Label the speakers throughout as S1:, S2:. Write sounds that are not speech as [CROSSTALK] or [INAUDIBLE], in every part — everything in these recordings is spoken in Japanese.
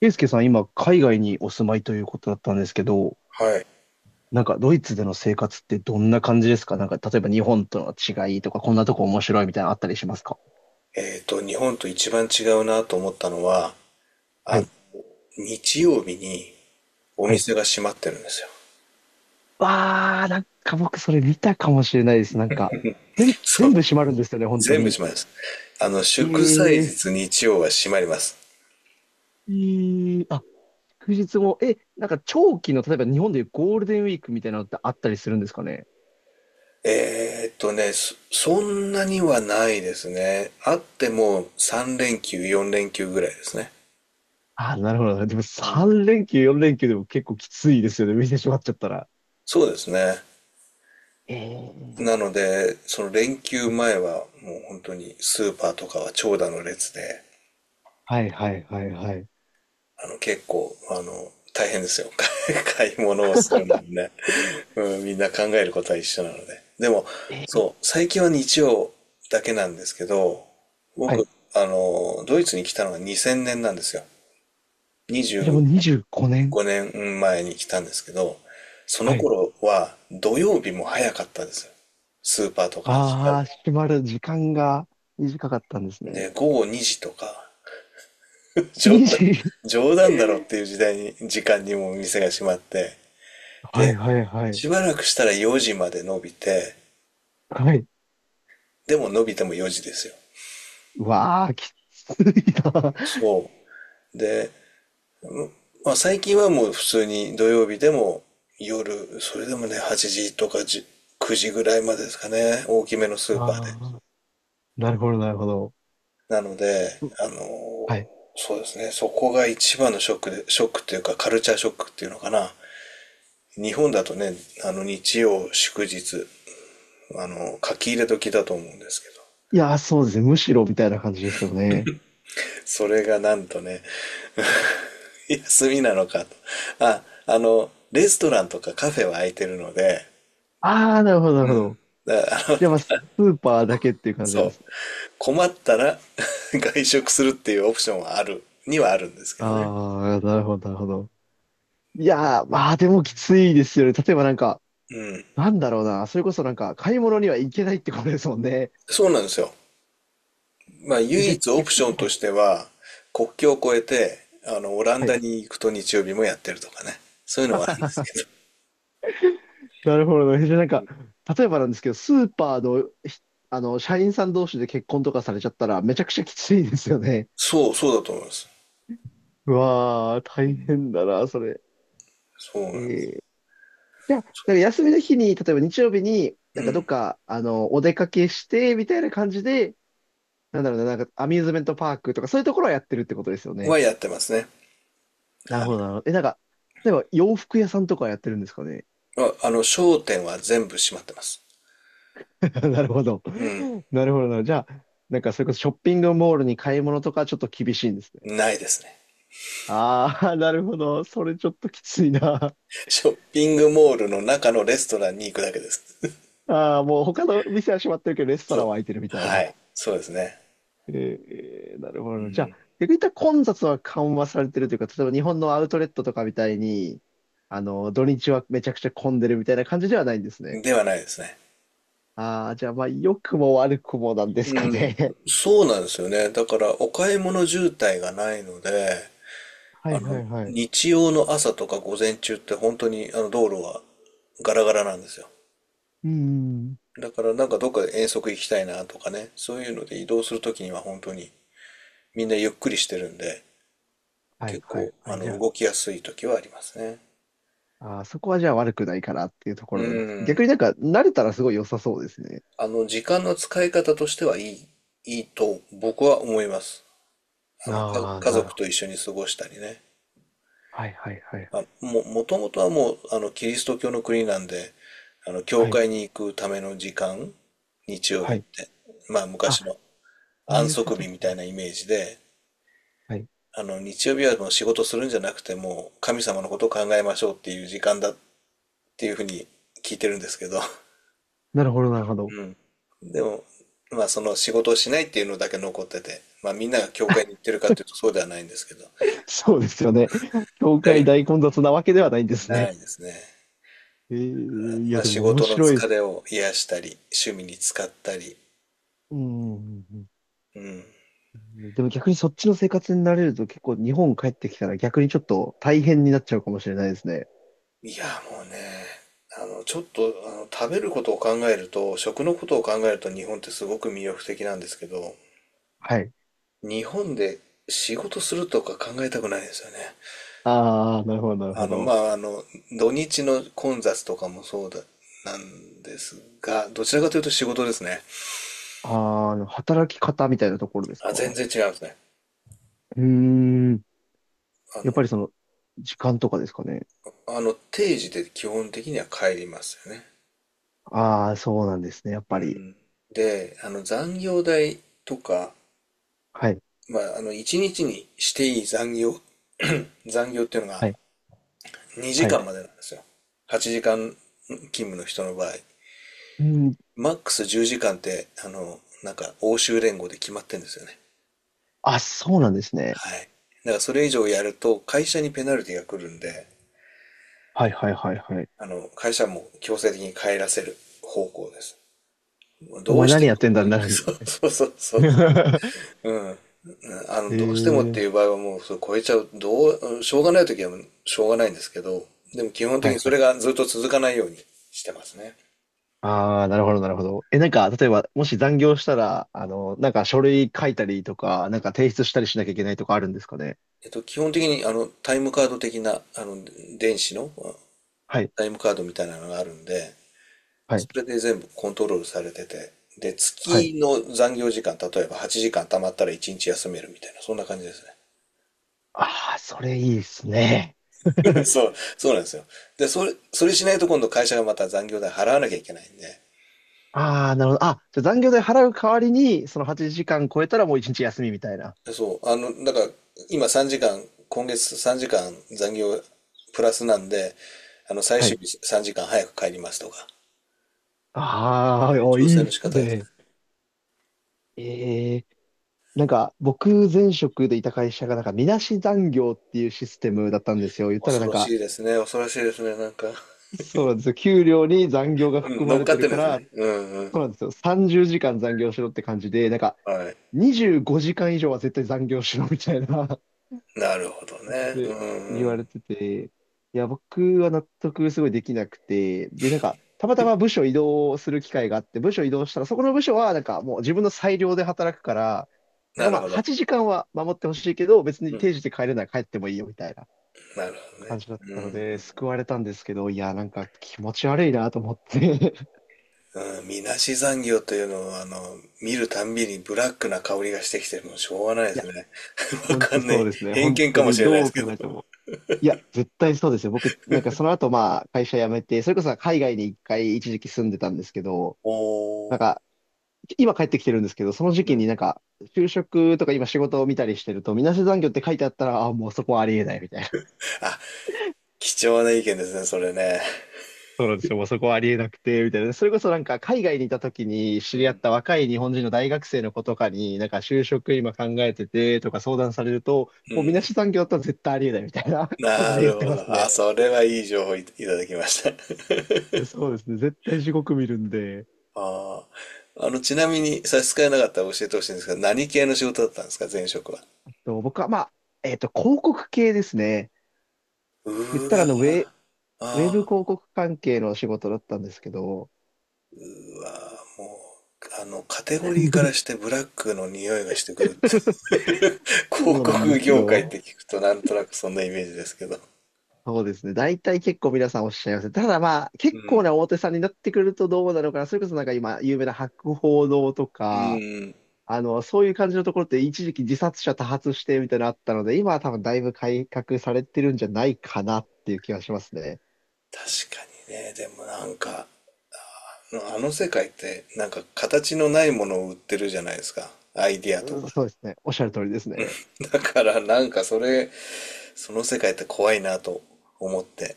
S1: ケイスケさん、今、海外にお住まいということだったんですけど、
S2: はい。
S1: なんか、ドイツでの生活ってどんな感じですか？なんか、例えば日本との違いとか、こんなとこ面白いみたいなのあったりしますか？
S2: 日本と一番違うなと思ったのは、
S1: は
S2: あの、
S1: い。
S2: 日曜日にお
S1: はい。
S2: 店が閉まってるんですよ。
S1: わー、なんか僕、それ見たかもしれないです。なんか、
S2: [LAUGHS] そ
S1: 全
S2: う。
S1: 部閉まるんですよね、本当
S2: 全部
S1: に。
S2: 閉まります。
S1: え
S2: 祝祭
S1: ー、
S2: 日日曜は閉まります。
S1: あ、祝日も、なんか、長期の、例えば日本でいうゴールデンウィークみたいなのってあったりするんですかね？
S2: そんなにはないですね。あっても3連休、4連休ぐらいですね。
S1: あー、なるほど。でも、3連休、4連休でも結構きついですよね、見てしまっちゃったら。
S2: そうですね。
S1: え
S2: な
S1: ー
S2: ので、その連休前はもう本当にスーパーとかは長蛇の列で、
S1: はいはいはいはい。
S2: 結構、大変ですよ。[LAUGHS] 買い物をするのもね。うん、みんな考えることは一緒なので。でも、
S1: えー
S2: そう、最近は日曜だけなんですけど、
S1: は
S2: 僕、
S1: い。
S2: ドイツに来たのが2000年なんですよ。25
S1: じゃあもう25年。
S2: 年前に来たんですけど、そ
S1: は
S2: の
S1: い。
S2: 頃は土曜日も早かったですよ。スーパーとか閉ま
S1: あ
S2: る
S1: あ、閉まる時間が短かったんです
S2: の。
S1: ね。
S2: で、午後2時とか、冗談、
S1: 20。
S2: 冗談だろっ
S1: [LAUGHS]
S2: ていう時間にもお店が閉まって、
S1: はい
S2: で、
S1: はいはい。
S2: しばらくしたら4時まで伸びて、
S1: はい。
S2: でも伸びても4時ですよ。
S1: うわあ、きついな。
S2: そう。で、まあ最近はもう普通に土曜日でも夜、それでもね、8時とか10 9時ぐらいまでですかね、大きめのスーパーで。
S1: ああ、なるほどなるほど。
S2: なので、あのー
S1: はい。
S2: そうですね、そこが一番のショックっていうかカルチャーショックっていうのかな。日本だとね、日曜、祝日、書き入れ時だと思うんですけ
S1: いやー、そうですね。むしろみたいな感じですよね。
S2: ど、それがなんとね、[LAUGHS] 休みなのかと。レストランとかカフェは空いてるので、
S1: ああ、なるほどなるほど。
S2: だから
S1: じゃあまあ、スーパーだけって
S2: [LAUGHS]
S1: いう感じな
S2: そ
S1: んで
S2: う。
S1: すね。
S2: 困ったら [LAUGHS] 外食するっていうオプションはにはあるんですけどね。
S1: ああ、なるほどなるほど。いやー、まあでもきついですよね。例えばなんか、なんだろうな。それこそなんか、買い物には行けないってことですもんね。
S2: そうなんですよ。まあ、唯
S1: じゃあ
S2: 一オプ
S1: 逆
S2: ショ
S1: に、
S2: ン
S1: は
S2: と
S1: い。
S2: しては、国境を越えて、オラン
S1: は
S2: ダ
S1: い。
S2: に行くと日曜日もやってるとかね。そういうのはあるんです
S1: [LAUGHS]
S2: けど。
S1: なるほどね。じゃあなんか、例えばなんですけど、スーパーの、ひあの、社員さん同士で結婚とかされちゃったら、めちゃくちゃきついですよね。
S2: そう、そうだと思います。
S1: うわー、大変だな、それ。
S2: そう
S1: え
S2: なんです。
S1: ー、じゃあ、なんか休みの日に、例えば日曜日に、
S2: う
S1: なんかどっ
S2: ん。
S1: か、お出かけして、みたいな感じで、なんだろうな、なんかアミューズメントパークとか、そういうところはやってるってことですよね。
S2: はやってますね。
S1: なる
S2: はい。
S1: ほど、なるほど。なんか、例えば洋服屋さんとかはやってるんですかね。
S2: 商店は全部閉まってます。
S1: [LAUGHS] なるほど。
S2: うん。
S1: なるほどな。じゃあ、なんかそれこそショッピングモールに買い物とかちょっと厳しいんですね。
S2: ないですね。
S1: ああ、なるほど。それちょっときついな。
S2: ショッピングモールの中のレストランに行くだけです。
S1: ああ、もう他の店は閉まってるけど、レ
S2: [LAUGHS]
S1: ストラ
S2: そ
S1: ン
S2: う。
S1: は開いてるみたい
S2: は
S1: な。
S2: い。そうですね。
S1: なるほど。じゃあ、逆に言ったら混雑は緩和されてるというか、例えば日本のアウトレットとかみたいに、土日はめちゃくちゃ混んでるみたいな感じではないんですね。
S2: ではないですね。
S1: ああ、じゃあ、まあ、良くも悪くもなんですかね。
S2: そうなんですよね。だから、お買い物渋滞がないので、
S1: [LAUGHS] はいはいはい。
S2: 日曜の朝とか午前中って本当にあの道路はガラガラなんですよ。
S1: うん。
S2: だからなんかどっかで遠足行きたいなとかね、そういうので移動するときには本当にみんなゆっくりしてるんで、
S1: はい
S2: 結
S1: はい
S2: 構
S1: はい。じゃあ
S2: 動きやすい時はありますね。
S1: ああ、そこはじゃあ悪くないかなっていうとこ
S2: う
S1: ろなんです。逆
S2: ん。
S1: になんか慣れたらすごい良さそうですね。
S2: 時間の使い方としてはいいと僕は思います。
S1: ああ、
S2: 家
S1: なる
S2: 族
S1: ほど。
S2: と一緒に過ごしたりね。
S1: はいはいはい。
S2: まあ、もともとはもう、キリスト教の国なんで、教
S1: はい。
S2: 会に行くための時間、日曜
S1: は
S2: 日っ
S1: い。
S2: て、まあ、
S1: あ、
S2: 昔の
S1: そう
S2: 安
S1: いうこ
S2: 息
S1: と
S2: 日みたい
S1: か。
S2: なイメージで、
S1: はい。
S2: 日曜日はもう仕事するんじゃなくて、もう神様のことを考えましょうっていう時間だっていうふうに聞いてるんですけど、
S1: なるほどなるほど。
S2: うん。でも、まあその仕事をしないっていうのだけ残ってて、まあみんなが教会に行っ
S1: [LAUGHS]
S2: てるかというとそうではないんですけど、
S1: そうですよね。教
S2: だ
S1: 会
S2: い、
S1: 大混雑なわけではないんです
S2: な
S1: ね。
S2: いですね。
S1: ええ、い
S2: ま
S1: や、
S2: あ
S1: で
S2: 仕
S1: も面
S2: 事の
S1: 白いで
S2: 疲
S1: す。
S2: れを癒したり、趣味に使ったり、
S1: うんうんうん
S2: うん。
S1: うん。でも逆にそっちの生活に慣れると結構日本帰ってきたら逆にちょっと大変になっちゃうかもしれないですね。
S2: いや、もうね、あの、ちょっと、あの、食べることを考えると、食のことを考えると日本ってすごく魅力的なんですけど、
S1: はい。
S2: 日本で仕事するとか考えたくないですよね。
S1: ああ、なるほどなる
S2: あ
S1: ほ
S2: の、ま
S1: ど。
S2: あ、あの、土日の混雑とかもそうだ、なんですが、どちらかというと仕事ですね。
S1: ああ、働き方みたいなところです
S2: あ、全
S1: か？
S2: 然違いますね。
S1: うーん。
S2: あ
S1: やっ
S2: の、
S1: ぱりその、時間とかですかね。
S2: 定時で基本的には帰りますよね。
S1: ああ、そうなんですね。やっ
S2: う
S1: ぱり。
S2: ん。で、残業代とか、
S1: はい。
S2: 1日にちにしていい残業、[CLEARS THROAT] 残業っていうのが
S1: はい。
S2: 2
S1: は
S2: 時
S1: い。
S2: 間までなんですよ。8時間勤務の人の場合。
S1: うん。
S2: マックス10時間って、欧州連合で決まってんですよね。
S1: あ、そうなんですね。
S2: はい。だからそれ以上やると会社にペナルティが来るんで、
S1: はいはいはいはい。
S2: 会社も強制的に帰らせる方向です。もう
S1: お
S2: ど
S1: 前
S2: うして
S1: 何
S2: も
S1: やって
S2: っ
S1: んだ
S2: て
S1: に
S2: い
S1: な
S2: う、[LAUGHS]
S1: るんです
S2: そう
S1: ね。
S2: そうそうそう。
S1: [LAUGHS]
S2: うん。うん
S1: へ
S2: どうしてもっていう
S1: え、
S2: 場合はもうそれ超えちゃう、うんしょうがない時はしょうがないんですけど、でも基本
S1: は
S2: 的
S1: い
S2: にそ
S1: は
S2: れ
S1: い。
S2: がずっと続かないようにしてますね。
S1: ああ、なるほどなるほど。なんか、例えば、もし残業したら、なんか書類書いたりとか、なんか提出したりしなきゃいけないとかあるんですかね。
S2: 基本的にタイムカード的な、電子の
S1: はい。
S2: タイムカードみたいなのがあるんで、
S1: は
S2: そ
S1: い。
S2: れで全部コントロールされてて、で、
S1: はい。
S2: 月の残業時間、例えば8時間貯まったら1日休めるみたいな、そんな感じです
S1: ああ、それいいですね。
S2: ね。[LAUGHS]
S1: [LAUGHS]
S2: そう、そうなんですよ。で、それしないと今度会社がまた残業代払わなきゃいけないんで、
S1: ああ、なるほど。あ、じゃあ残業代払う代わりに、その8時間超えたらもう1日休みみたいな。
S2: でそう、だから今3時間、今月3時間残業プラスなんで、最
S1: は
S2: 終
S1: い。
S2: 日3時間早く帰りますとか、そ
S1: あ
S2: う
S1: あ、
S2: いう
S1: おい
S2: 調整
S1: いっ
S2: の仕
S1: す
S2: 方ですね。
S1: ね。ええ、なんか、僕、前職でいた会社が、なんか、みなし残業っていうシステムだったんですよ。言ったら
S2: 恐
S1: なん
S2: ろ
S1: か、
S2: しいですね、恐ろしいですね、なんか。
S1: そうなんですよ。給料に残業が
S2: う
S1: 含
S2: ん、
S1: ま
S2: 乗っ
S1: れ
S2: か
S1: て
S2: っ
S1: る
S2: てる
S1: か
S2: んです
S1: ら、
S2: ね。うんうん。
S1: そうなんですよ。30時間残業しろって感じで、なんか、
S2: はい。
S1: 25時間以上は絶対残業しろみたいな。
S2: なるほどね。う
S1: で、言
S2: んう
S1: われ
S2: ん。
S1: てて、いや、僕は納得すごいできなくて、で、なんか、たまたま部署移動する機会があって、部署移動したら、そこの部署は、なんかもう自分の裁量で働くから、なん
S2: な
S1: かま
S2: る
S1: あ、
S2: ほど。
S1: 8時間は守ってほしいけど、別
S2: う
S1: に
S2: ん。
S1: 定時で帰れないら帰ってもいいよみたいな
S2: なるほど
S1: 感
S2: ね。
S1: じだっ
S2: う
S1: たので、
S2: ん。
S1: 救われたんですけど、いや、なんか気持ち悪いなと思って。[LAUGHS]
S2: うん、みなし残業というのは、見るたんびにブラックな香りがしてきて、もうしょうがないで
S1: いや、
S2: すね。[LAUGHS] わ
S1: 本
S2: か
S1: 当
S2: んな
S1: そう
S2: い。
S1: ですね。
S2: 偏
S1: 本
S2: 見
S1: 当
S2: かもし
S1: に
S2: れないで
S1: ど
S2: す
S1: う
S2: け
S1: 考
S2: ど。
S1: えても。いや、絶対そうですよ。僕、なんかその後まあ、会社辞めて、それこそ海外に一回一時期住んでたんですけど、な
S2: お
S1: ん
S2: ー。
S1: か、今帰ってきてるんですけど、その時
S2: う
S1: 期に
S2: ん。
S1: なんか、就職とか今仕事を見たりしてると、みなし残業って書いてあったら、あ、もうそこはありえないみたいな。
S2: あ、貴重な意見ですね、それね。
S1: そうなんですよ。もうそこはありえなくて、みたいな。それこそなんか、海外にいた時に知
S2: う
S1: り合っ
S2: ん。
S1: た若い日本人の大学生の子とかに、なんか就職今考えててとか相談されると、
S2: う
S1: もうみな
S2: ん。
S1: し残業だったら絶対ありえないみたいな [LAUGHS] 感じ
S2: な
S1: で言っ
S2: る
S1: て
S2: ほ
S1: ま
S2: ど。
S1: す
S2: あ、
S1: ね。
S2: それはいい情報い、ただきました。
S1: そうですね。絶対地獄見るんで。
S2: [LAUGHS] ああ。ちなみに差し支えなかったら教えてほしいんですが、何系の仕事だったんですか、前職は。
S1: と僕はまあ、広告系ですね。
S2: う
S1: 言っ
S2: ー
S1: たら
S2: わー。あ
S1: ウェブ広
S2: あ。
S1: 告関係の仕事だったんですけど、
S2: もう、カテゴリーからしてブラックの匂いがしてくる。[LAUGHS]
S1: [LAUGHS] そ
S2: 広
S1: うなんで
S2: 告
S1: す
S2: 業界っ
S1: よ。
S2: て聞くとなんとなくそんなイメージですけど。
S1: そうですね。大体結構皆さんおっしゃいますね。ただまあ、
S2: う
S1: 結構
S2: ん。
S1: な大手さんになってくるとどうなのかな。それこそなんか今、有名な博報堂と
S2: う
S1: か、
S2: ん。
S1: そういう感じのところって一時期自殺者多発してみたいなのあったので、今は多分だいぶ改革されてるんじゃないかなっていう気がしますね。
S2: 確かにね。でもなんか、あの世界ってなんか形のないものを売ってるじゃないですか。アイディアと
S1: うん、
S2: か。
S1: そうですね。おっしゃる通りですね。
S2: だからなんかその世界って怖いなと思って、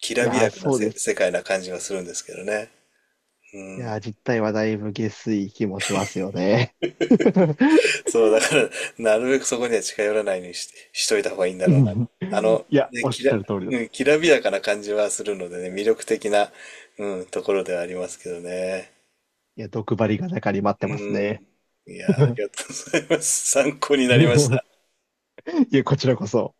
S2: き
S1: い
S2: らび
S1: やー、
S2: やかな
S1: そうです
S2: 世
S1: ね。
S2: 界な感じがするんですけどね。う
S1: い
S2: ん。
S1: やー、実態はだいぶ下水気もしますよね。[LAUGHS]
S2: そう、だから、なるべくそこには近寄らないようにしといた方がいいんだ
S1: う
S2: ろうな。
S1: ん、
S2: あの、
S1: いや、
S2: ね、
S1: おっ
S2: き
S1: し
S2: ら、
S1: ゃる通りだ
S2: う
S1: と。
S2: ん、きらびやかな感じはするのでね、魅力的な、うん、ところではありますけどね。
S1: いや、毒針が中に待っ
S2: う
S1: てますね。
S2: ん。いや、あり
S1: [LAUGHS]
S2: がとうございます。参考になりました。
S1: いやこちらこそ。